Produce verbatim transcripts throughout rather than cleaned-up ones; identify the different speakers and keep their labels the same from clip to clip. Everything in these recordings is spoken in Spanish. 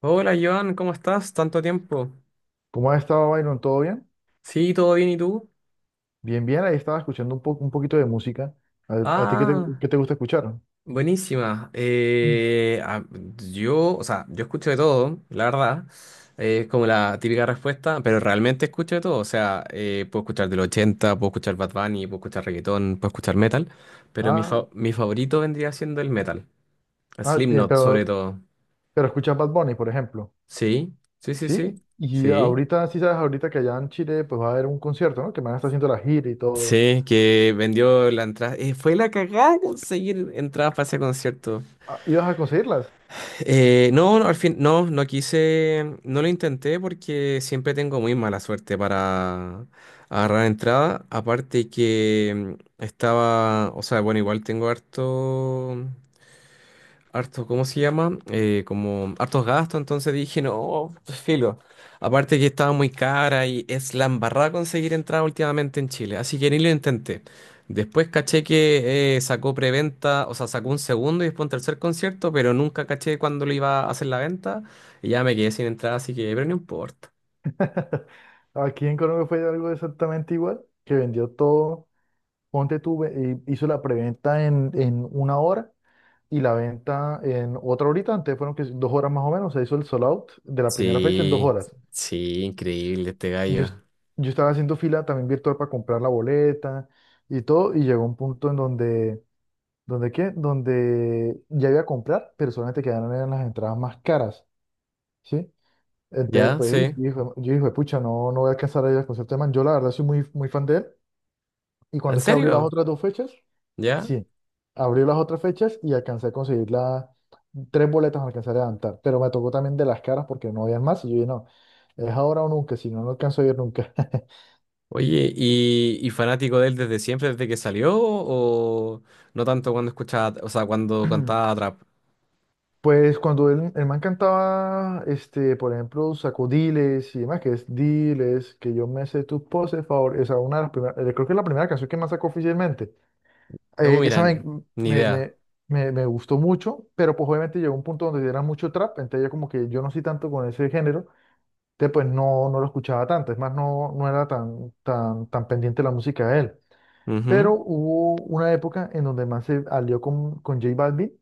Speaker 1: Hola Joan, ¿cómo estás? Tanto tiempo.
Speaker 2: ¿Cómo has estado, Byron? ¿Todo bien?
Speaker 1: Sí, todo bien, ¿y tú?
Speaker 2: Bien, bien. Ahí estaba escuchando un poco, un poquito de música. ¿A, a ti qué te,
Speaker 1: Ah,
Speaker 2: qué te gusta escuchar?
Speaker 1: buenísima.
Speaker 2: Mm.
Speaker 1: Eh, ah, yo, o sea, yo escucho de todo, la verdad. Eh, Es como la típica respuesta, pero realmente escucho de todo. O sea, eh, puedo escuchar del ochenta, puedo escuchar Bad Bunny, puedo escuchar reggaetón, puedo escuchar metal, pero mi,
Speaker 2: Ah,
Speaker 1: fa- mi favorito vendría siendo el metal. El
Speaker 2: ah, tie-
Speaker 1: Slipknot, sobre
Speaker 2: pero,
Speaker 1: todo.
Speaker 2: pero escuchas Bad Bunny, por ejemplo.
Speaker 1: Sí, sí, sí, sí.
Speaker 2: Sí. Y
Speaker 1: Sí.
Speaker 2: ahorita, sí sabes, ahorita que allá en Chile, pues va a haber un concierto, ¿no? Que me van a estar haciendo la gira y todo.
Speaker 1: Sí, que vendió la entrada. Eh, fue la cagada conseguir entradas para ese concierto.
Speaker 2: Ah, ¿ibas a conseguirlas?
Speaker 1: Eh, no, no, al fin, no, no quise, no lo intenté porque siempre tengo muy mala suerte para agarrar entrada. Aparte que mm, estaba, o sea, bueno, igual tengo harto harto, ¿cómo se llama? Eh, como hartos gastos, entonces dije, no, pues, filo. Aparte que estaba muy cara y es la embarrada conseguir entrada últimamente en Chile, así que ni lo intenté. Después caché que eh, sacó preventa, o sea, sacó un segundo y después un tercer concierto, pero nunca caché cuándo lo iba a hacer la venta y ya me quedé sin entrada, así que, pero no importa.
Speaker 2: Aquí en Colombia fue algo exactamente igual, que vendió todo. Ponte tú, ve- eh, hizo la preventa en, en una hora y la venta en otra horita, antes fueron que dos horas más o menos, se hizo el sold out de la primera fecha en dos
Speaker 1: Sí,
Speaker 2: horas.
Speaker 1: sí, increíble este
Speaker 2: Yo, es-
Speaker 1: gallo.
Speaker 2: yo estaba haciendo fila también virtual para comprar la boleta y todo, y llegó un punto en donde, ¿donde qué? Donde ya iba a comprar, pero solamente quedaron eran las entradas más caras, ¿sí? Entonces,
Speaker 1: ¿Ya?
Speaker 2: pues, y-
Speaker 1: Sí.
Speaker 2: yo dije, yo dije, pucha, no, no voy a alcanzar a ir al concierto de Man. Yo, la verdad, soy muy, muy fan de él. Y
Speaker 1: ¿En
Speaker 2: cuando es que abrió las
Speaker 1: serio?
Speaker 2: otras dos fechas,
Speaker 1: ¿Ya?
Speaker 2: sí, abrí las otras fechas y alcancé a conseguir las tres boletas, me alcancé a levantar, pero me tocó también de las caras porque no habían más y yo dije, no, es ahora o nunca, si no, no alcanzo a ir nunca.
Speaker 1: Oye, ¿y, y fanático de él desde siempre, ¿desde que salió? ¿O no tanto cuando escuchaba, o sea, cuando cantaba trap?
Speaker 2: Pues cuando el, el man cantaba, este, por ejemplo, sacó Diles y demás, que es Diles, que yo me sé tus poses, favor, esa una de las primeras, eh, creo que es la primera canción que más sacó oficialmente.
Speaker 1: Yo,
Speaker 2: Eh,
Speaker 1: mira,
Speaker 2: esa me,
Speaker 1: n- ni
Speaker 2: me,
Speaker 1: idea.
Speaker 2: me, me, me gustó mucho, pero pues obviamente llegó un punto donde era mucho trap, entonces ya como que yo no soy tanto con ese género. Entonces, pues no, no lo escuchaba tanto, es más, no, no era tan, tan, tan pendiente la música de él. Pero
Speaker 1: Ujú.
Speaker 2: hubo una época en donde más se alió con, con J Balvin,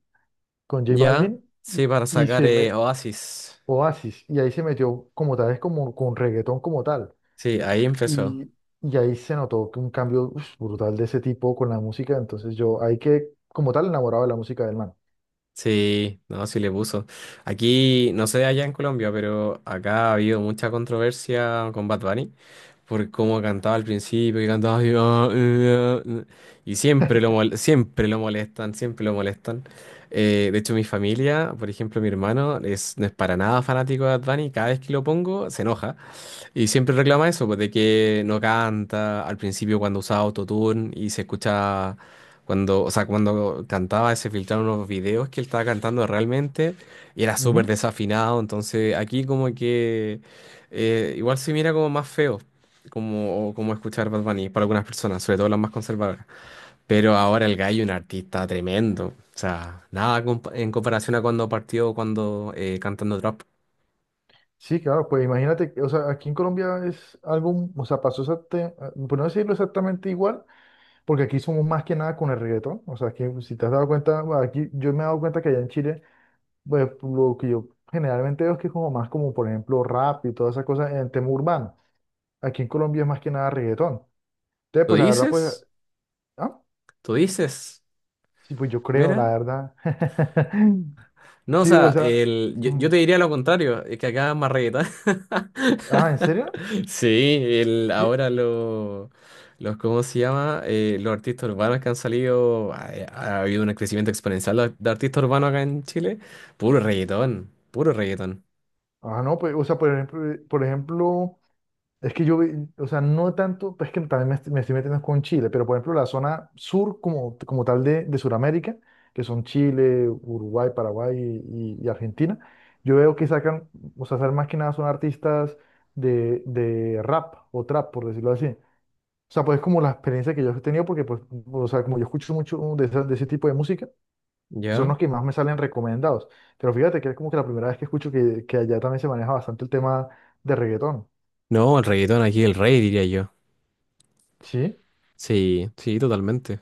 Speaker 2: con J
Speaker 1: Ya,
Speaker 2: Balvin
Speaker 1: sí,
Speaker 2: y,
Speaker 1: para
Speaker 2: y
Speaker 1: sacar
Speaker 2: se
Speaker 1: eh,
Speaker 2: me,
Speaker 1: Oasis.
Speaker 2: Oasis, y ahí se metió como tal, es como con reggaetón como tal.
Speaker 1: Sí, ahí empezó.
Speaker 2: Y, y ahí se notó que un cambio uf, brutal de ese tipo con la música, entonces yo ahí que como tal enamorado de la música del man.
Speaker 1: Sí, no, sí le puso. Aquí, no sé allá en Colombia, pero acá ha habido mucha controversia con Bad Bunny, por cómo cantaba al principio, que cantaba así, "Ah, eh, ah", y siempre lo mol- siempre lo molestan, siempre lo molestan. Eh, de hecho, mi familia, por ejemplo, mi hermano es, no es para nada fanático de Bad Bunny, cada vez que lo pongo se enoja. Y siempre reclama eso, pues de que no canta, al principio cuando usaba autotune y se escucha cuando, o sea, cuando cantaba se filtraron unos videos que él estaba cantando realmente y era súper
Speaker 2: Ujú.
Speaker 1: desafinado, entonces aquí como que eh, igual se mira como más feo, como, como escuchar Bad Bunny para algunas personas, sobre todo las más conservadoras. Pero ahora el gallo es un artista tremendo, o sea, nada compa- en comparación a cuando partió, cuando eh, cantando trap.
Speaker 2: Sí, claro, pues imagínate, o sea, aquí en Colombia es algo, o sea, pasó exactamente, por no decirlo exactamente igual, porque aquí somos más que nada con el reggaetón. O sea, que si te has dado cuenta, bueno, aquí yo me he dado cuenta que allá en Chile, pues lo que yo generalmente veo es que es como más como, por ejemplo, rap y todas esas cosas en el tema urbano. Aquí en Colombia es más que nada reggaetón. Entonces,
Speaker 1: ¿Tú
Speaker 2: pues la verdad, pues,
Speaker 1: dices?
Speaker 2: ah,
Speaker 1: ¿Tú dices?
Speaker 2: sí, pues yo creo,
Speaker 1: Mira.
Speaker 2: la verdad.
Speaker 1: No, o
Speaker 2: Sí, o
Speaker 1: sea,
Speaker 2: sea.
Speaker 1: el, yo,
Speaker 2: Mm.
Speaker 1: yo te diría lo contrario, es que acá es más reggaetón.
Speaker 2: Ah, ¿en serio?
Speaker 1: Sí, el,
Speaker 2: Sí.
Speaker 1: ahora lo- los, ¿cómo se llama? Eh, los artistas urbanos que han salido, ha, ha habido un crecimiento exponencial de, de artistas urbanos acá en Chile. Puro reggaetón, puro reggaetón.
Speaker 2: Ah, no, pues, o sea, por ejemplo, eh, por ejemplo. Es que yo, vi- o sea, no tanto, pues que también me, est- me estoy metiendo con Chile, pero por ejemplo la zona sur como, como tal de, de Sudamérica, que son Chile, Uruguay, Paraguay y, y Argentina, yo veo que sacan, o sea, sacan más que nada son artistas de, de rap o trap, por decirlo así. O sea, pues es como la experiencia que yo he tenido, porque pues, o sea, como yo escucho mucho de, esa- de ese tipo de música, son
Speaker 1: ¿Ya?
Speaker 2: los que más me salen recomendados. Pero fíjate que es como que la primera vez que escucho que, que allá también se maneja bastante el tema de reggaetón,
Speaker 1: No, el reggaetón aquí, es el rey, diría yo.
Speaker 2: ¿sí?
Speaker 1: Sí, sí, totalmente.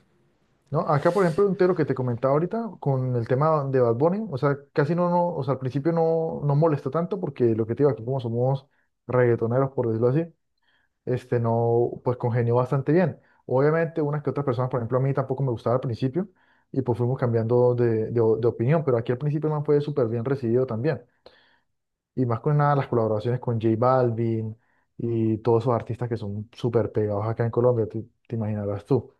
Speaker 2: No, acá por ejemplo un tero que te comentaba ahorita con el tema de Bad Bunny, o sea, casi no, no, o sea, al principio no, no molesta tanto porque lo que te digo aquí como somos reggaetoneros, por decirlo así, este no, pues congenió bastante bien. Obviamente unas que otras personas, por ejemplo, a mí tampoco me gustaba al principio y pues fuimos cambiando de, de, de opinión, pero aquí al principio el man fue súper bien recibido también. Y más con nada las colaboraciones con J Balvin y todos esos artistas que son súper pegados acá en Colombia, te te imaginarás tú.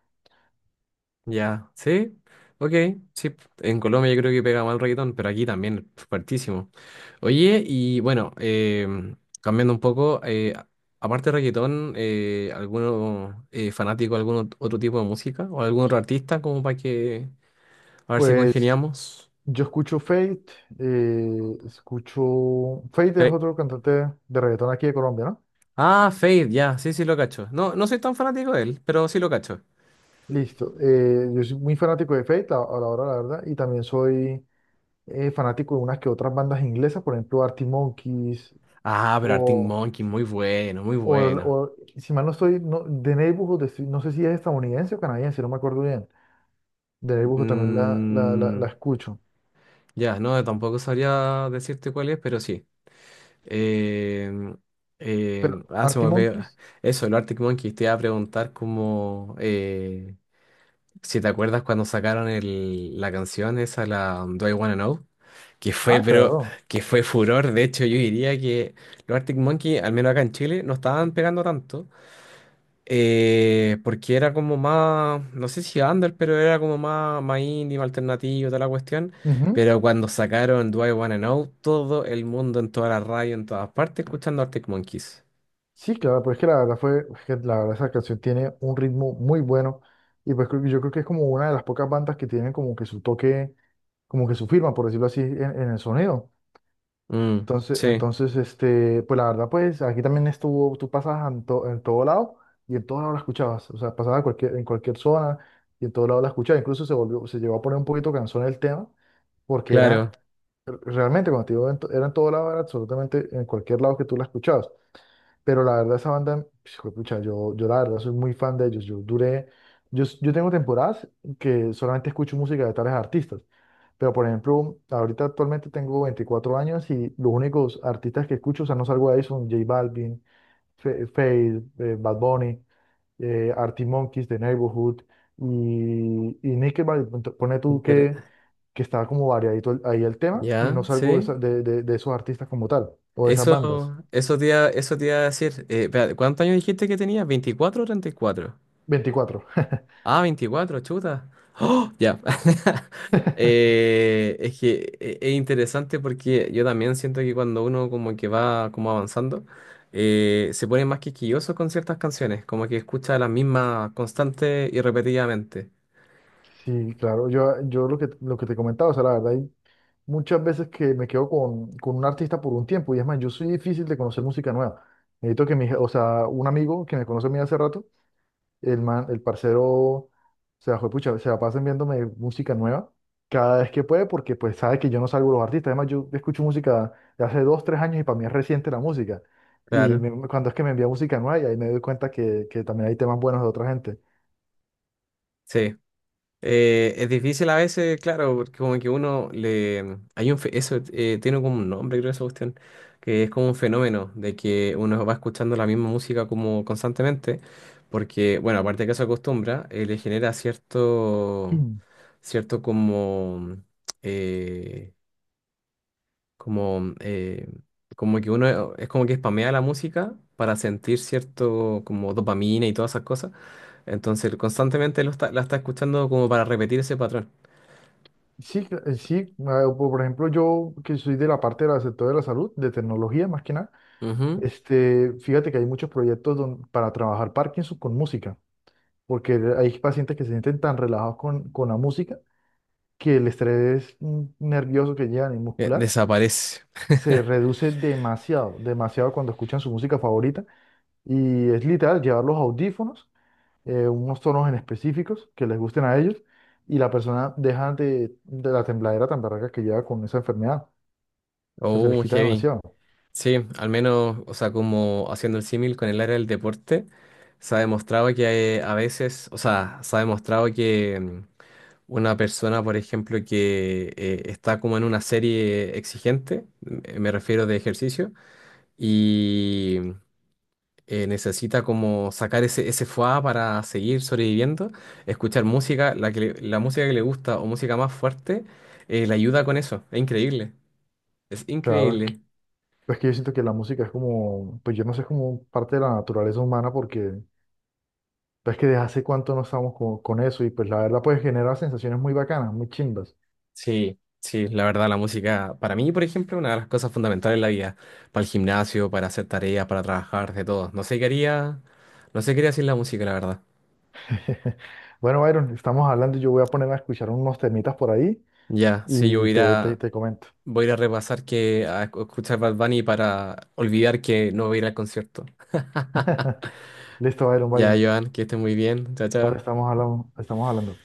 Speaker 1: Ya, sí, ok, sí. En Colombia yo creo que pega mal el reggaetón, pero aquí también, fuertísimo. Oye, y bueno, em, cambiando un poco, eh, a- aparte de reggaetón, eh, ¿alguno eh, fanático de algún ot- otro tipo de música? ¿O algún otro artista? Como para que, a ver si
Speaker 2: Pues
Speaker 1: congeniamos.
Speaker 2: yo escucho Fate, eh, escucho. Fate es
Speaker 1: Fe-
Speaker 2: otro cantante de reggaetón aquí de Colombia, ¿no?
Speaker 1: ah, Fade, ya, sí, sí lo cacho. No, no soy tan fanático de él, pero sí lo cacho.
Speaker 2: Listo. eh, yo soy muy fanático de Fate, la- a la hora, la verdad, y también soy eh, fanático de unas que otras bandas inglesas, por ejemplo, Arctic Monkeys,
Speaker 1: Ah, pero Arctic
Speaker 2: o,
Speaker 1: Monkey, muy bueno, muy
Speaker 2: o,
Speaker 1: bueno.
Speaker 2: o- si mal no estoy, no, The Neighborhood, estoy- no sé si es estadounidense o canadiense, si no me acuerdo bien. The Neighborhood también la, la, la,
Speaker 1: Mm,
Speaker 2: la escucho.
Speaker 1: ya, no, tampoco sabría decirte cuál es, pero sí. Eh,
Speaker 2: Pero
Speaker 1: eh, ah, Se me
Speaker 2: Arctic
Speaker 1: olvidó.
Speaker 2: Monkeys,
Speaker 1: Eso, el Arctic Monkeys. Te iba a preguntar como eh, si te acuerdas cuando sacaron el, la canción esa, la um, Do I Wanna Know, que fue,
Speaker 2: ah,
Speaker 1: pero
Speaker 2: claro.
Speaker 1: que fue furor. De hecho, yo diría que los Arctic Monkeys, al menos acá en Chile, no estaban pegando tanto. Eh, porque era como más, no sé si under, pero era como más, más indie, más alternativo, toda la cuestión.
Speaker 2: Ujú.
Speaker 1: Pero cuando sacaron Do I Wanna Know, todo el mundo en toda la radio, en todas partes, escuchando Arctic Monkeys.
Speaker 2: Sí, claro, pero es que la verdad fue, es que la verdad esa canción tiene un ritmo muy bueno y pues creo yo creo que es como una de las pocas bandas que tienen como que su toque, como que su firma, por decirlo así, en, en el sonido.
Speaker 1: Mm,
Speaker 2: Entonces,
Speaker 1: sí,
Speaker 2: entonces, este, pues la verdad, pues aquí también estuvo, tú pasabas en, to- en todo lado y en todo lado la escuchabas, o sea, pasaba en cualquier, en cualquier zona y en todo lado la escuchabas, incluso se volvió, se llegó a poner un poquito cansón el tema porque era,
Speaker 1: claro.
Speaker 2: realmente cuando te digo en to- era en todo lado, era absolutamente en cualquier lado que tú la escuchabas. Pero la verdad, esa banda, pues, juepucha, yo, yo la verdad soy muy fan de ellos. Yo duré, yo, s- yo tengo temporadas que solamente escucho música de tales artistas. Pero, por ejemplo, ahorita actualmente tengo veinticuatro años y los únicos artistas que escucho, o sea, no salgo de ahí, son J Balvin, Fe- Feid, eh, Bad Bunny, eh, Arctic Monkeys, The Neighborhood y, y Nickelback. Ento- Pone tú que,
Speaker 1: Inter-
Speaker 2: que está como variadito el- ahí el tema y no
Speaker 1: ya,
Speaker 2: salgo de,
Speaker 1: sí.
Speaker 2: esa- de, de de esos artistas como tal o de esas bandas.
Speaker 1: Eso, eso te iba, eso te iba a decir. Eh, espérate, ¿cuántos años dijiste que tenías? ¿Veinticuatro o treinta y cuatro?
Speaker 2: Veinticuatro.
Speaker 1: Ah, veinticuatro, chuta. ¡Oh! Ya. Eh, es que e- es interesante porque yo también siento que cuando uno como que va como avanzando, eh, se pone más quisquilloso con ciertas canciones, como que escucha las mismas constante y repetidamente.
Speaker 2: Sí, claro, yo, yo lo que, lo que, te comentaba, o sea, la verdad, hay muchas veces que me quedo con, con un artista por un tiempo, y es más, yo soy difícil de conocer música nueva. Necesito que mi, je- o sea, un amigo que me conoce a mí hace rato, el man, el parcero, o sea, juepucha, se la pasa enviándome música nueva cada vez que puede, porque pues sabe que yo no salgo de los artistas. Además, yo escucho música de hace dos, tres años y para mí es reciente la música. Y
Speaker 1: Claro,
Speaker 2: me- cuando es que me envía música nueva, y ahí me doy cuenta que, que también hay temas buenos de otra gente.
Speaker 1: sí. Eh, es difícil a veces, claro, porque como que uno le... Hay un fe- Eso eh, tiene como un nombre, creo, esa cuestión, que es como un fenómeno de que uno va escuchando la misma música como constantemente, porque, bueno, aparte de que se acostumbra, eh, le genera cierto, cierto como, eh, como, eh, como que uno es como que spamea la música para sentir cierto como dopamina y todas esas cosas, entonces constantemente lo está- la está escuchando como para repetir ese patrón.
Speaker 2: Sí, cl- eh, sí, ah, po- por ejemplo, yo que soy de la parte del sector de la salud, de tecnología más que nada,
Speaker 1: Ujú.
Speaker 2: este, fíjate que hay muchos proyectos don- para trabajar Parkinson con música, porque hay pacientes que se sienten tan relajados con, con la música que el estrés mm, nervioso que llevan y
Speaker 1: Eh,
Speaker 2: muscular
Speaker 1: Desaparece.
Speaker 2: se reduce demasiado, demasiado cuando escuchan su música favorita y es literal llevar los audífonos, eh, unos tonos en específicos que les gusten a ellos y la persona deja de, de la tembladera tan barraca que lleva con esa enfermedad. O sea, se les
Speaker 1: Oh,
Speaker 2: quita
Speaker 1: heavy.
Speaker 2: demasiado.
Speaker 1: Sí, al menos, o sea, como haciendo el símil con el área del deporte, se ha demostrado que hay a veces, o sea, se ha demostrado que mm, una persona, por ejemplo, que eh, está como en una serie exigente, m- me refiero de ejercicio, eh, necesita como sacar ese, ese fuá para seguir sobreviviendo, escuchar música, la que le- la música que le gusta o música más fuerte, eh, le ayuda con eso. Es increíble. Es
Speaker 2: Claro, es
Speaker 1: increíble.
Speaker 2: que, es que yo siento que la música es como, pues yo no sé, es como parte de la naturaleza humana porque pues que desde hace cuánto no estamos con, con eso y pues la verdad pues genera sensaciones muy bacanas, muy chimbas.
Speaker 1: Sí, sí, la verdad, la música, para mí, por ejemplo, es una de las cosas fundamentales en la vida. Para el gimnasio, para hacer tareas, para trabajar, de todo. No sé qué haría, no sé qué haría sin la música, la verdad.
Speaker 2: Bueno, Byron, estamos hablando, yo voy a ponerme a escuchar unos temitas por ahí
Speaker 1: Ya, sí, yo
Speaker 2: y
Speaker 1: voy a ir
Speaker 2: te, te,
Speaker 1: a,
Speaker 2: te comento.
Speaker 1: voy a ir a repasar que a escuchar Bad Bunny para olvidar que no voy a ir al concierto.
Speaker 2: Listo, Byron,
Speaker 1: Ya,
Speaker 2: Byron.
Speaker 1: Joan, que estés muy bien. Chao,
Speaker 2: Vale,
Speaker 1: chao.
Speaker 2: estamos hablando, estamos hablando.